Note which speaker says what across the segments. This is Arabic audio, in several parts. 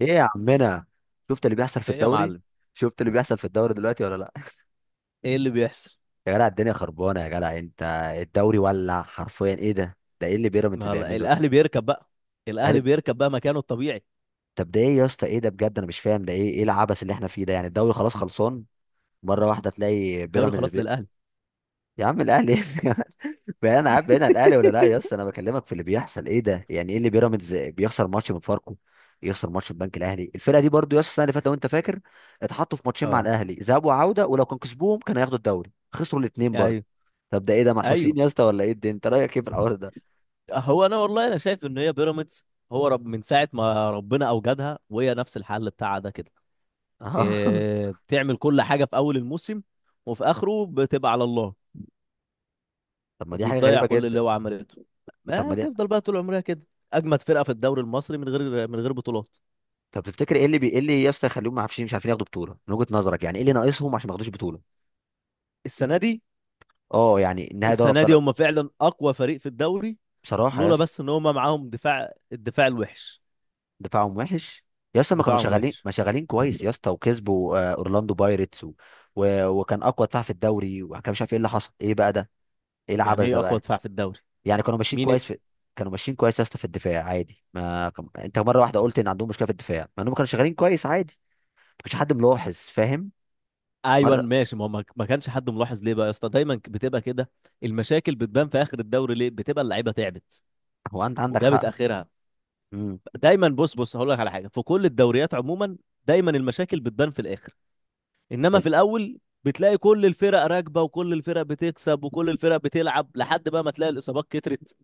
Speaker 1: ايه يا عمنا، شفت اللي بيحصل في
Speaker 2: ايه يا
Speaker 1: الدوري؟
Speaker 2: معلم.
Speaker 1: شفت اللي بيحصل في الدوري دلوقتي ولا لا؟
Speaker 2: ايه اللي بيحصل؟
Speaker 1: يا جدع الدنيا خربانه يا جدع انت. الدوري ولع حرفيا. ايه ده ايه اللي بيراميدز
Speaker 2: ما هلا
Speaker 1: بيعمله ده؟
Speaker 2: الاهلي بيركب بقى. الاهلي
Speaker 1: يعني
Speaker 2: بيركب بقى مكانه الطبيعي.
Speaker 1: طب ده ايه يا اسطى؟ ايه ده بجد؟ انا مش فاهم ده ايه. ايه العبث اللي احنا فيه ده؟ يعني الدوري خلاص خلصان. مره واحده تلاقي
Speaker 2: الدوري
Speaker 1: بيراميدز.
Speaker 2: خلاص للاهلي.
Speaker 1: يا عم الاهلي. بقى انا عارف بعيد عن الاهلي ولا لا يا اسطى. انا بكلمك في اللي بيحصل. ايه ده؟ يعني ايه اللي بيراميدز بيخسر ماتش من فاركو، يخسر ماتش من بنك الاهلي؟ الفرقه دي برضو يا اسطى السنه اللي فاتت لو انت فاكر اتحطوا في ماتشين مع
Speaker 2: اه.
Speaker 1: الاهلي، ذهاب وعوده، ولو كان كسبوهم كانوا هياخدوا الدوري، خسروا الاثنين برضو.
Speaker 2: ايوه.
Speaker 1: طب ده ايه ده؟ منحوسين
Speaker 2: ايوه،
Speaker 1: يا اسطى ولا ايه؟ ده انت رايك ايه في الحوار ده؟
Speaker 2: هو انا والله انا شايف ان هي بيراميدز هو رب من ساعه ما ربنا اوجدها وهي نفس الحل بتاعها ده كده.
Speaker 1: اه.
Speaker 2: إيه، بتعمل كل حاجه في اول الموسم وفي اخره بتبقى على الله
Speaker 1: طب ما دي حاجه
Speaker 2: وبتضيع
Speaker 1: غريبه
Speaker 2: كل
Speaker 1: جدا.
Speaker 2: اللي هو عملته.
Speaker 1: طب ما
Speaker 2: ما
Speaker 1: دي.
Speaker 2: تفضل بقى طول عمرها كده، اجمد فرقه في الدوري المصري من غير من غير بطولات.
Speaker 1: طب تفتكر ايه اللي ايه اللي يا اسطى يخليهم ما عارفين مش عارفين ياخدوا بطوله من وجهه نظرك؟ يعني ايه اللي ناقصهم عشان ما ياخدوش بطوله؟
Speaker 2: السنه دي،
Speaker 1: اه يعني النهائي دوري
Speaker 2: السنه دي
Speaker 1: ابطال.
Speaker 2: هم فعلا اقوى فريق في الدوري،
Speaker 1: بصراحه يا
Speaker 2: لولا
Speaker 1: اسطى
Speaker 2: بس ان هم معاهم دفاع الدفاع الوحش.
Speaker 1: دفاعهم وحش. يا اسطى ما كانوا
Speaker 2: دفاعهم
Speaker 1: شغالين،
Speaker 2: وحش.
Speaker 1: ما شغالين كويس يا اسطى، وكسبوا اورلاندو بايرتس وكان اقوى دفاع في الدوري، وكان مش عارف ايه اللي حصل. ايه بقى ده؟ ايه
Speaker 2: يعني
Speaker 1: العبث
Speaker 2: ايه
Speaker 1: ده
Speaker 2: اقوى
Speaker 1: بقى؟
Speaker 2: دفاع في الدوري؟
Speaker 1: يعني كانوا ماشيين
Speaker 2: مين؟
Speaker 1: كويس في، كانوا ماشيين كويس يا اسطى في الدفاع عادي. ما كان... انت مره واحده قلت ان عندهم مشكله في الدفاع مع انهم كانوا شغالين كويس عادي. ما كانش حد ملاحظ، فاهم؟
Speaker 2: ايوه
Speaker 1: مره.
Speaker 2: ماشي، ما هو ما كانش حد ملاحظ. ليه بقى يا اسطى دايما بتبقى كده؟ المشاكل بتبان في اخر الدوري، ليه؟ بتبقى اللعيبه تعبت
Speaker 1: هو انت عندك
Speaker 2: وجابت
Speaker 1: حق.
Speaker 2: اخرها.
Speaker 1: امم
Speaker 2: دايما بص، بص، هقول لك على حاجه في كل الدوريات عموما، دايما المشاكل بتبان في الاخر، انما في الاول بتلاقي كل الفرق راكبه وكل الفرق بتكسب وكل الفرق بتلعب، لحد بقى ما تلاقي الاصابات كترت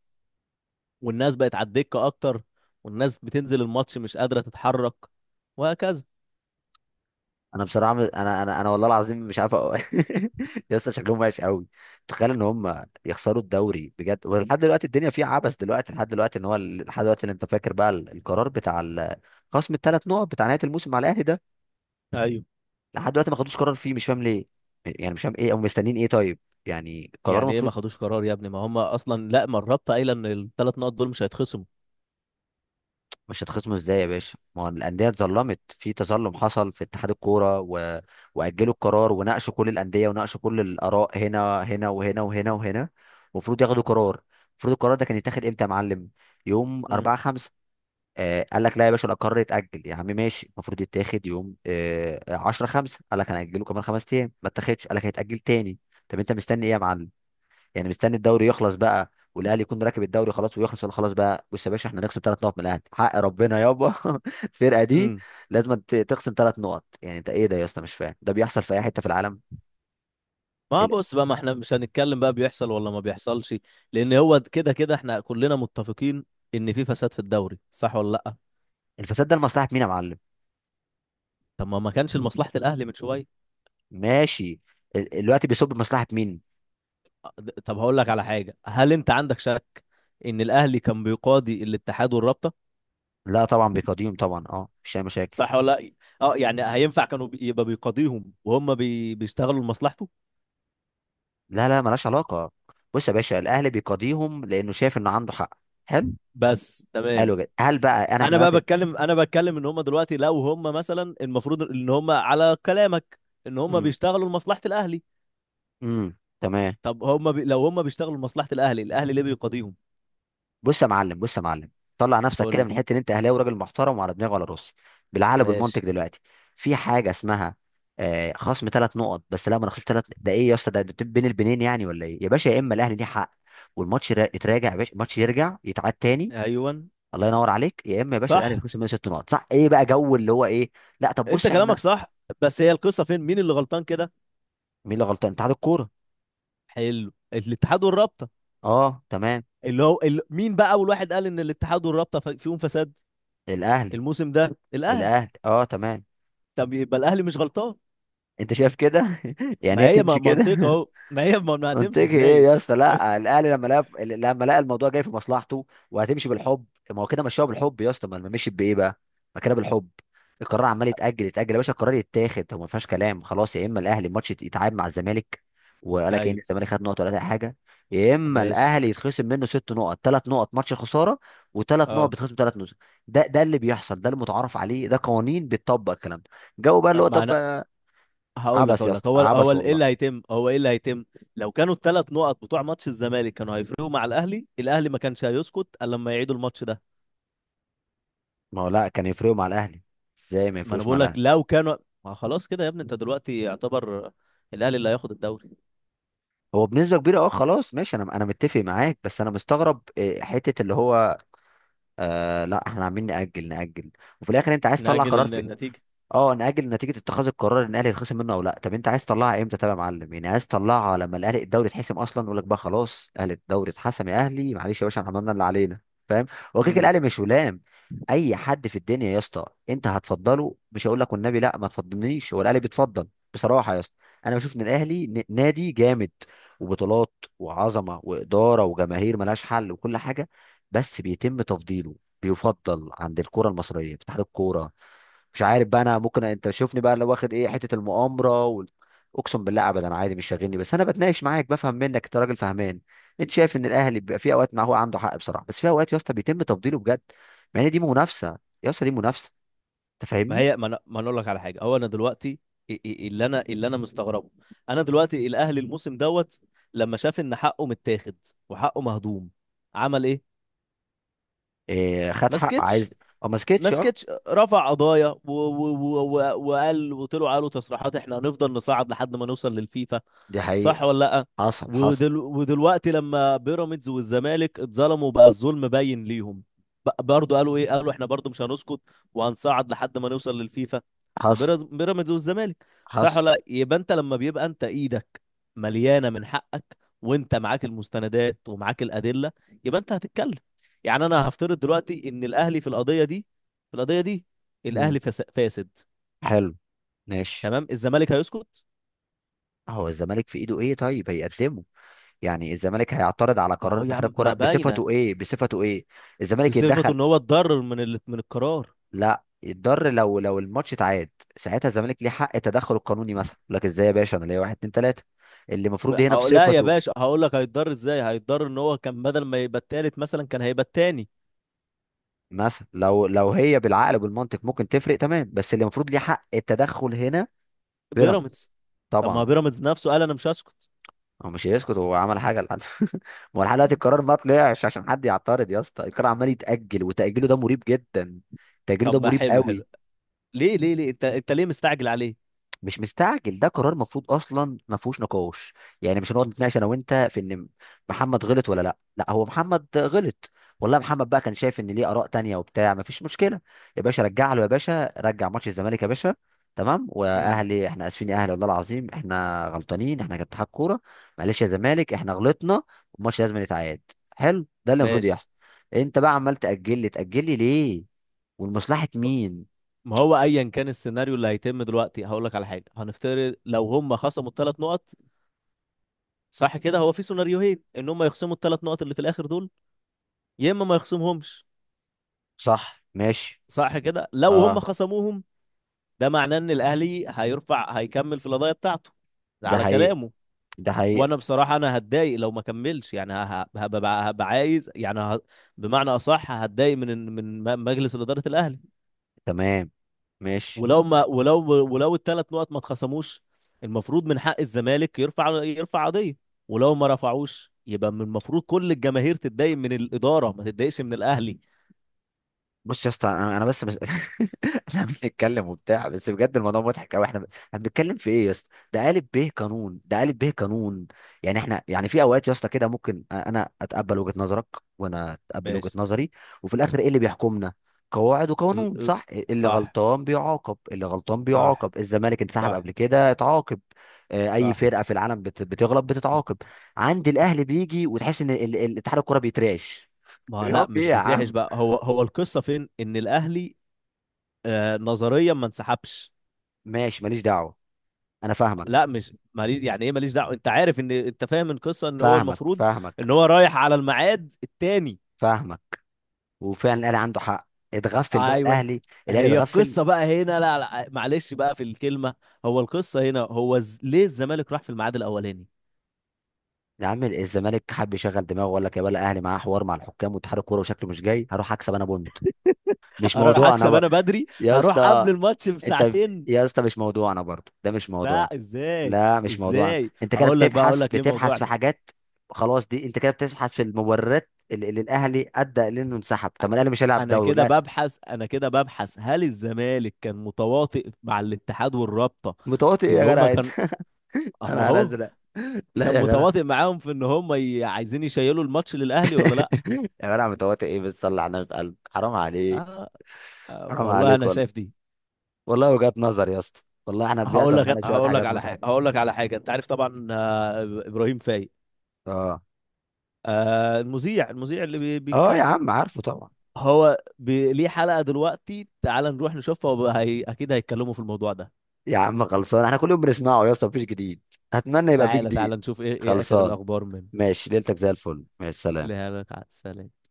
Speaker 2: والناس بقت على الدكة اكتر والناس بتنزل الماتش مش قادرة تتحرك، وهكذا.
Speaker 1: انا بصراحه انا والله العظيم مش عارف أقول. يا اسطى شكلهم وحش قوي. تخيل ان هم يخسروا الدوري بجد، ولحد دلوقتي الدنيا فيها عبث. دلوقتي لحد دلوقتي ان هو لحد دلوقتي اللي انت فاكر بقى القرار بتاع خصم الثلاث نقط بتاع نهايه الموسم على الاهلي ده،
Speaker 2: ايوه.
Speaker 1: لحد دلوقتي ما خدوش قرار فيه. مش فاهم ليه. يعني مش فاهم ايه، او مستنيين ايه؟ طيب، يعني قرار
Speaker 2: يعني ايه ما
Speaker 1: المفروض.
Speaker 2: خدوش قرار يا ابني؟ ما هم اصلا لا، ما الرابطة قايلة ان الثلاث نقط دول مش هيتخصموا.
Speaker 1: مش هتخصموا ازاي يا باشا؟ ما هو الانديه اتظلمت، في تظلم حصل في اتحاد الكوره، واجلوا القرار وناقشوا كل الانديه وناقشوا كل الاراء هنا، هنا وهنا وهنا وهنا. المفروض ياخدوا قرار. المفروض القرار ده كان يتاخد امتى يا معلم؟ يوم
Speaker 2: امم
Speaker 1: 4 5. آه قال لك لا يا باشا، القرار يتاجل. يا عم ماشي، المفروض يتاخد يوم آه 10 5. قال لك هنأجله كمان 5 ايام، ما اتاخدش، قال لك هيتاجل تاني. طب انت مستني ايه يا معلم؟ يعني مستني الدوري يخلص بقى والاهلي يكون راكب الدوري خلاص ويخلص؟ ولا خلاص بقى بص يا باشا احنا نخصم 3 نقط من الاهلي حق ربنا يابا. الفرقه دي
Speaker 2: امم
Speaker 1: لازم تخصم 3 نقط. يعني انت ايه ده يا اسطى؟ مش فاهم ده بيحصل في اي حته في العالم.
Speaker 2: ما
Speaker 1: ال-
Speaker 2: بص بقى، ما احنا مش هنتكلم بقى بيحصل ولا ما بيحصلش، لان هو كده كده احنا كلنا متفقين ان في فساد في الدوري، صح ولا لا؟
Speaker 1: الفساد ده لمصلحه مين يا معلم؟
Speaker 2: طب ما كانش لمصلحة الاهلي من شوية؟
Speaker 1: ماشي. الوقت بيصب بمصلحه مين؟
Speaker 2: طب هقول لك على حاجة، هل انت عندك شك ان الاهلي كان بيقاضي الاتحاد والرابطة؟
Speaker 1: لا طبعا بيقاضيهم طبعا، اه، مفيش اي مشاكل.
Speaker 2: صح ولا لأ؟ اه، يعني هينفع كانوا يبقى بيقاضيهم وهم بيشتغلوا لمصلحته؟
Speaker 1: لا لا، ملهاش علاقه. بص يا باشا الاهلي بيقاضيهم لانه شايف انه عنده حق. حلو.
Speaker 2: بس تمام.
Speaker 1: حلو جدا. هل بقى انا احنا
Speaker 2: انا بقى
Speaker 1: دلوقتي.
Speaker 2: بتكلم، انا بتكلم ان هم دلوقتي لو هم مثلا المفروض ان هم على كلامك ان هم
Speaker 1: امم
Speaker 2: بيشتغلوا لمصلحة الاهلي،
Speaker 1: امم تمام.
Speaker 2: طب هم لو هم بيشتغلوا لمصلحة الاهلي، الاهلي ليه بيقاضيهم؟
Speaker 1: بص يا معلم، بص يا معلم، طلع نفسك
Speaker 2: قول
Speaker 1: كده
Speaker 2: لي.
Speaker 1: من حته ان انت اهلاوي، راجل محترم وعلى دماغي وعلى راسي. بالعقل بالمنطق
Speaker 2: ماشي.
Speaker 1: دلوقتي في حاجه اسمها آه خصم 3 نقط. بس لا ما انا خصمت 3، ده ايه يا اسطى؟ ده بين البنين يعني ولا ايه يا باشا؟ يا اما الاهلي ليه حق والماتش يتراجع يا باشا، الماتش يرجع يتعاد تاني،
Speaker 2: ايوه
Speaker 1: الله ينور عليك. يا اما يا باشا الاهلي
Speaker 2: صح،
Speaker 1: يخسر منه 6 نقط، صح؟ ايه بقى جو اللي هو ايه؟ لا طب
Speaker 2: انت
Speaker 1: بص
Speaker 2: كلامك
Speaker 1: احنا.
Speaker 2: صح، بس هي القصة فين؟ مين اللي غلطان كده؟
Speaker 1: مين اللي غلطان؟ اتحاد الكوره.
Speaker 2: حلو، الاتحاد والرابطة،
Speaker 1: اه تمام.
Speaker 2: اللي هو مين بقى اول واحد قال ان الاتحاد والرابطة فيهم فساد؟
Speaker 1: الاهلي.
Speaker 2: الموسم ده الاهلي.
Speaker 1: الاهلي اه تمام.
Speaker 2: طب يبقى الاهلي مش غلطان.
Speaker 1: انت شايف كده؟ يعني
Speaker 2: ما
Speaker 1: هي
Speaker 2: هي
Speaker 1: تمشي كده؟
Speaker 2: منطقة اهو، ما هي ما هتمشي
Speaker 1: منطقي ايه
Speaker 2: ازاي؟
Speaker 1: يا اسطى؟ لا الاهلي لما لقى، لما لقى الموضوع جاي في مصلحته، وهتمشي بالحب. ما هو كده مشاها بالحب يا اسطى، ما ما مشيت بايه بقى؟ ما كده بالحب. القرار عمال يتاجل يا باشا. القرار يتاخد هو، ما فيهاش كلام. خلاص يا اما الاهلي الماتش يتعاد مع الزمالك، وقال لك ان
Speaker 2: ايوه
Speaker 1: الزمالك خد نقط ولا اي حاجه، يا اما
Speaker 2: ماشي.
Speaker 1: الاهلي يتخصم منه 6 نقط: 3 نقط ماتش خساره، وثلاث نقط
Speaker 2: اه.
Speaker 1: بتخصم 3 نقط. ده اللي بيحصل، ده المتعارف عليه، ده قوانين بتطبق الكلام ده. جو بقى اللي
Speaker 2: طب
Speaker 1: هو
Speaker 2: ما
Speaker 1: طب.
Speaker 2: انا هقول لك،
Speaker 1: عبس يا
Speaker 2: هقول لك،
Speaker 1: اسطى،
Speaker 2: هو
Speaker 1: عبس
Speaker 2: ايه
Speaker 1: والله.
Speaker 2: اللي هيتم، هو ايه اللي هيتم؟ لو كانوا الثلاث نقط بتوع ماتش الزمالك كانوا هيفرقوا مع الاهلي، الاهلي ما كانش هيسكت الا لما يعيدوا الماتش ده.
Speaker 1: ما هو لا كان يفرقوا مع الاهلي، ازاي ما
Speaker 2: ما انا
Speaker 1: يفرقوش مع
Speaker 2: بقول لك
Speaker 1: الاهلي؟
Speaker 2: لو كانوا، ما خلاص كده يا ابني، انت دلوقتي يعتبر الاهلي اللي هياخد الدوري.
Speaker 1: هو بنسبه كبيره اه، خلاص ماشي، انا متفق معاك، بس انا مستغرب إيه، حته اللي هو آه، لا احنا عاملين ناجل، وفي الاخر انت عايز تطلع قرار
Speaker 2: نأجل
Speaker 1: في.
Speaker 2: النتيجة.
Speaker 1: اه نأجل نتيجة اتخاذ القرار ان الاهلي يتخصم منه او لا. طب انت عايز تطلعها امتى طب يا معلم؟ يعني عايز تطلعها لما الاهلي الدوري اتحسم اصلا؟ يقول لك بقى خلاص اهلي الدوري اتحسم، يا اهلي معلش يا باشا احنا عملنا اللي علينا. فاهم؟ هو كده كده
Speaker 2: امم
Speaker 1: الاهلي مش ولام. اي حد في الدنيا يا اسطى. انت هتفضله، مش هقول لك والنبي لا ما تفضلنيش، هو الاهلي بيتفضل. بصراحة يا اسطى انا بشوف ان الاهلي نادي جامد، وبطولات وعظمة وإدارة وجماهير ملهاش حل وكل حاجة، بس بيتم تفضيله، بيفضل عند الكرة المصرية في اتحاد الكورة. مش عارف بقى انا، ممكن انت شوفني بقى لو واخد ايه حته المؤامره اقسم بالله ابدا، انا عادي مش شاغلني، بس انا بتناقش معاك بفهم منك، انت راجل فهمان. انت شايف ان الاهلي بيبقى في اوقات ما هو عنده حق بصراحه، بس في اوقات يا اسطى بيتم تفضيله بجد، مع ان دي منافسه يا اسطى، دي منافسه. انت
Speaker 2: ما
Speaker 1: فاهمني.
Speaker 2: هي، ما انا ما أنا اقول لك على حاجه، هو انا دلوقتي، اللي انا، اللي انا مستغربه، انا دلوقتي الاهلي الموسم دوت لما شاف ان حقه متاخد وحقه مهضوم، عمل ايه؟
Speaker 1: إيه، خد
Speaker 2: ما
Speaker 1: حق عايز.
Speaker 2: سكتش.
Speaker 1: اه ما
Speaker 2: ما
Speaker 1: سكتش، اه.
Speaker 2: سكتش، رفع قضايا و وقال وطلعوا قالوا تصريحات: احنا هنفضل نصعد لحد ما نوصل للفيفا.
Speaker 1: دي
Speaker 2: صح
Speaker 1: حقيقه.
Speaker 2: ولا لا؟
Speaker 1: حصل حصل.
Speaker 2: ودلوقتي لما بيراميدز والزمالك اتظلموا بقى الظلم باين ليهم، برضه قالوا ايه، قالوا احنا برضه مش هنسكت وهنصعد لحد ما نوصل للفيفا. ده
Speaker 1: حصل
Speaker 2: بيراميدز والزمالك. صح
Speaker 1: حصل.
Speaker 2: ولا لا؟ يبقى انت لما بيبقى انت ايدك مليانه من حقك وانت معاك المستندات ومعاك الادله، يبقى انت هتتكلم. يعني انا هفترض دلوقتي ان الاهلي في القضيه دي، في القضيه دي،
Speaker 1: مم.
Speaker 2: الاهلي فاسد.
Speaker 1: حلو. ماشي.
Speaker 2: تمام، الزمالك هيسكت؟
Speaker 1: هو الزمالك في ايده ايه طيب هيقدمه؟ يعني الزمالك هيعترض على
Speaker 2: ما
Speaker 1: قرار
Speaker 2: هو يا
Speaker 1: اتحاد
Speaker 2: عم
Speaker 1: الكوره
Speaker 2: ما باينه.
Speaker 1: بصفته ايه؟ بصفته ايه؟ الزمالك
Speaker 2: بصفته
Speaker 1: يتدخل.
Speaker 2: ان هو اتضرر من من القرار.
Speaker 1: لا يتضر لو لو الماتش اتعاد، ساعتها الزمالك ليه حق التدخل القانوني مثلا، يقول لك ازاي يا باشا انا ليا واحد اتنين تلاته. اللي المفروض هنا
Speaker 2: هقول لا يا
Speaker 1: بصفته
Speaker 2: باشا، هقول لك هيتضرر ازاي، هيتضرر ان هو كان بدل ما يبقى التالت مثلا كان هيبقى التاني.
Speaker 1: مثلا، لو لو هي بالعقل وبالمنطق ممكن تفرق تمام، بس اللي المفروض ليه حق التدخل هنا بيراميدز.
Speaker 2: بيراميدز. طب ما
Speaker 1: طبعا.
Speaker 2: بيراميدز نفسه قال انا مش هسكت.
Speaker 1: هو مش هيسكت، هو عمل حاجه لحد. ما هو لحد دلوقتي القرار ما طلعش عشان حد يعترض يا اسطى. القرار عمال يتاجل، وتاجيله ده مريب جدا، تاجيله ده
Speaker 2: طب ما
Speaker 1: مريب
Speaker 2: حلو
Speaker 1: قوي.
Speaker 2: حلو، ليه ليه انت، انت ليه مستعجل عليه؟
Speaker 1: مش مستعجل، ده قرار مفروض اصلا ما فيهوش نقاش. يعني مش هنقعد نتناقش انا وانت في ان محمد غلط ولا لا. لا هو محمد غلط والله. محمد بقى كان شايف ان ليه اراء تانية وبتاع، ما فيش مشكله. يا باشا رجع له، يا باشا رجع ماتش الزمالك يا باشا، تمام.
Speaker 2: امم
Speaker 1: واهلي احنا اسفين يا اهلي والله العظيم، احنا غلطانين احنا كاتحاد كوره، معلش يا زمالك احنا غلطنا، والماتش لازم يتعاد. حلو، ده اللي المفروض
Speaker 2: ماشي.
Speaker 1: يحصل. انت بقى عمال تاجل لي ليه؟ والمصلحه مين؟
Speaker 2: ما هو ايا كان السيناريو اللي هيتم دلوقتي، هقول لك على حاجه. هنفترض لو هم خصموا الثلاث نقط، صح كده؟ هو في سيناريوهين: ان هم يخصموا الثلاث نقط اللي في الاخر دول، يا اما ما يخصمهمش.
Speaker 1: صح ماشي.
Speaker 2: صح كده؟ لو هم
Speaker 1: اه
Speaker 2: خصموهم، ده معناه ان الاهلي هيرفع، هيكمل في القضيه بتاعته، ده
Speaker 1: ده
Speaker 2: على
Speaker 1: حقيقي،
Speaker 2: كلامه.
Speaker 1: ده حقيقة.
Speaker 2: وانا بصراحه انا هتضايق لو ما كملش، يعني هبقى، هبقى عايز يعني بمعنى اصح هتضايق من من مجلس اداره الاهلي.
Speaker 1: تمام، ماشي.
Speaker 2: ولو ولو الثلاث نقط ما اتخصموش، المفروض من حق الزمالك يرفع، يرفع قضيه. ولو ما رفعوش يبقى من المفروض كل الجماهير تتضايق من الاداره ما تتضايقش من الاهلي.
Speaker 1: بص يا اسطى انا بس احنا بنتكلم وبتاع، بس بجد الموضوع مضحك قوي. احنا احنا بنتكلم في ايه يا اسطى؟ ده قالب به قانون، ده قالب به قانون. يعني احنا يعني في اوقات يا اسطى كده ممكن انا اتقبل وجهة نظرك، وانا اتقبل وجهة
Speaker 2: ماشي.
Speaker 1: نظري، وفي الاخر ايه اللي بيحكمنا؟ قواعد
Speaker 2: ال...
Speaker 1: وقانون صح؟ اللي
Speaker 2: صح،
Speaker 1: غلطان بيعاقب، اللي غلطان
Speaker 2: صح،
Speaker 1: بيعاقب. الزمالك انسحب
Speaker 2: صح،
Speaker 1: قبل كده، اتعاقب. آه، اي
Speaker 2: صح.
Speaker 1: فرقة في العالم بتغلط بتتعاقب. عند الاهلي بيجي وتحس ان اتحاد الكرة بيترعش.
Speaker 2: ما هو
Speaker 1: يا
Speaker 2: لا
Speaker 1: عم
Speaker 2: مش
Speaker 1: ايه يا
Speaker 2: بيترعش
Speaker 1: عم؟
Speaker 2: بقى، هو، هو القصه فين ان الاهلي آه نظريا ما انسحبش؟
Speaker 1: ماشي، ماليش دعوه. انا فاهمك.
Speaker 2: لا مش ماليش، يعني ايه ماليش دعوه؟ انت عارف ان انت فاهم القصه ان هو
Speaker 1: فاهمك
Speaker 2: المفروض
Speaker 1: فاهمك
Speaker 2: ان هو رايح على الميعاد التاني.
Speaker 1: فاهمك وفعلا الاهلي عنده حق. اتغفل بقى
Speaker 2: ايوه.
Speaker 1: الاهلي، الاهلي
Speaker 2: هي
Speaker 1: اتغفل.
Speaker 2: القصه بقى هنا، لا لا معلش بقى في الكلمه، هو القصه هنا هو ليه الزمالك راح في الميعاد الاولاني؟
Speaker 1: يا عم الزمالك حب يشغل دماغه وقال لك يا بلا، الاهلي معاه حوار مع الحكام واتحاد الكوره وشكله مش جاي، هروح اكسب انا بونت. مش
Speaker 2: اروح
Speaker 1: موضوع انا
Speaker 2: اكسب انا بدري،
Speaker 1: يا
Speaker 2: هروح قبل
Speaker 1: اسطى
Speaker 2: الماتش
Speaker 1: انت
Speaker 2: بساعتين.
Speaker 1: يا اسطى مش موضوع انا برضه، ده مش موضوع.
Speaker 2: لا ازاي؟
Speaker 1: لا مش موضوع أنا.
Speaker 2: ازاي؟
Speaker 1: انت كده
Speaker 2: هقول لك بقى، اقول
Speaker 1: بتبحث
Speaker 2: لك ليه
Speaker 1: بتبحث في
Speaker 2: موضوعنا،
Speaker 1: حاجات، خلاص دي انت كده بتبحث في المبررات اللي اللي الاهلي ادى لانه انسحب. طب ما الاهلي مش هيلعب
Speaker 2: انا
Speaker 1: دوري.
Speaker 2: كده ببحث، انا كده ببحث هل الزمالك كان متواطئ مع الاتحاد والرابطه
Speaker 1: متواطئ
Speaker 2: في
Speaker 1: ايه
Speaker 2: اللي
Speaker 1: يا
Speaker 2: هم
Speaker 1: جدع انت؟
Speaker 2: كان، اما
Speaker 1: انا
Speaker 2: اهو،
Speaker 1: ازرق؟ لا
Speaker 2: كان
Speaker 1: يا جدع.
Speaker 2: متواطئ معاهم في ان هم عايزين يشيلوا الماتش للاهلي ولا لا؟
Speaker 1: يا جدع متواطئ ايه بس؟ صلي على النبي بقلب، حرام عليك.
Speaker 2: آه، آه
Speaker 1: حرام
Speaker 2: والله
Speaker 1: عليك
Speaker 2: انا
Speaker 1: والله،
Speaker 2: شايف دي.
Speaker 1: والله وجهات نظر يا اسطى. والله احنا
Speaker 2: هقول
Speaker 1: بيحصل
Speaker 2: لك،
Speaker 1: معانا شويه
Speaker 2: هقول لك
Speaker 1: حاجات
Speaker 2: على حاجه،
Speaker 1: مضحكه.
Speaker 2: هقول لك على حاجه، انت عارف طبعا آه ابراهيم فايق؟
Speaker 1: اه.
Speaker 2: آه المذيع، المذيع اللي
Speaker 1: اه يا
Speaker 2: بيتكلم؟
Speaker 1: عم عارفه طبعا.
Speaker 2: هو بي ليه حلقه دلوقتي، تعال نروح نشوفها، وبقى اكيد هيتكلموا في الموضوع ده.
Speaker 1: يا عم خلصان، احنا كل يوم بنسمعه يا اسطى، مفيش جديد. اتمنى يبقى فيه
Speaker 2: تعالى
Speaker 1: جديد.
Speaker 2: تعالى نشوف ايه، ايه اخر
Speaker 1: خلصان،
Speaker 2: الاخبار من.
Speaker 1: ماشي، ليلتك زي الفل، ماشي سلام.
Speaker 2: لا لا تعال، سلام.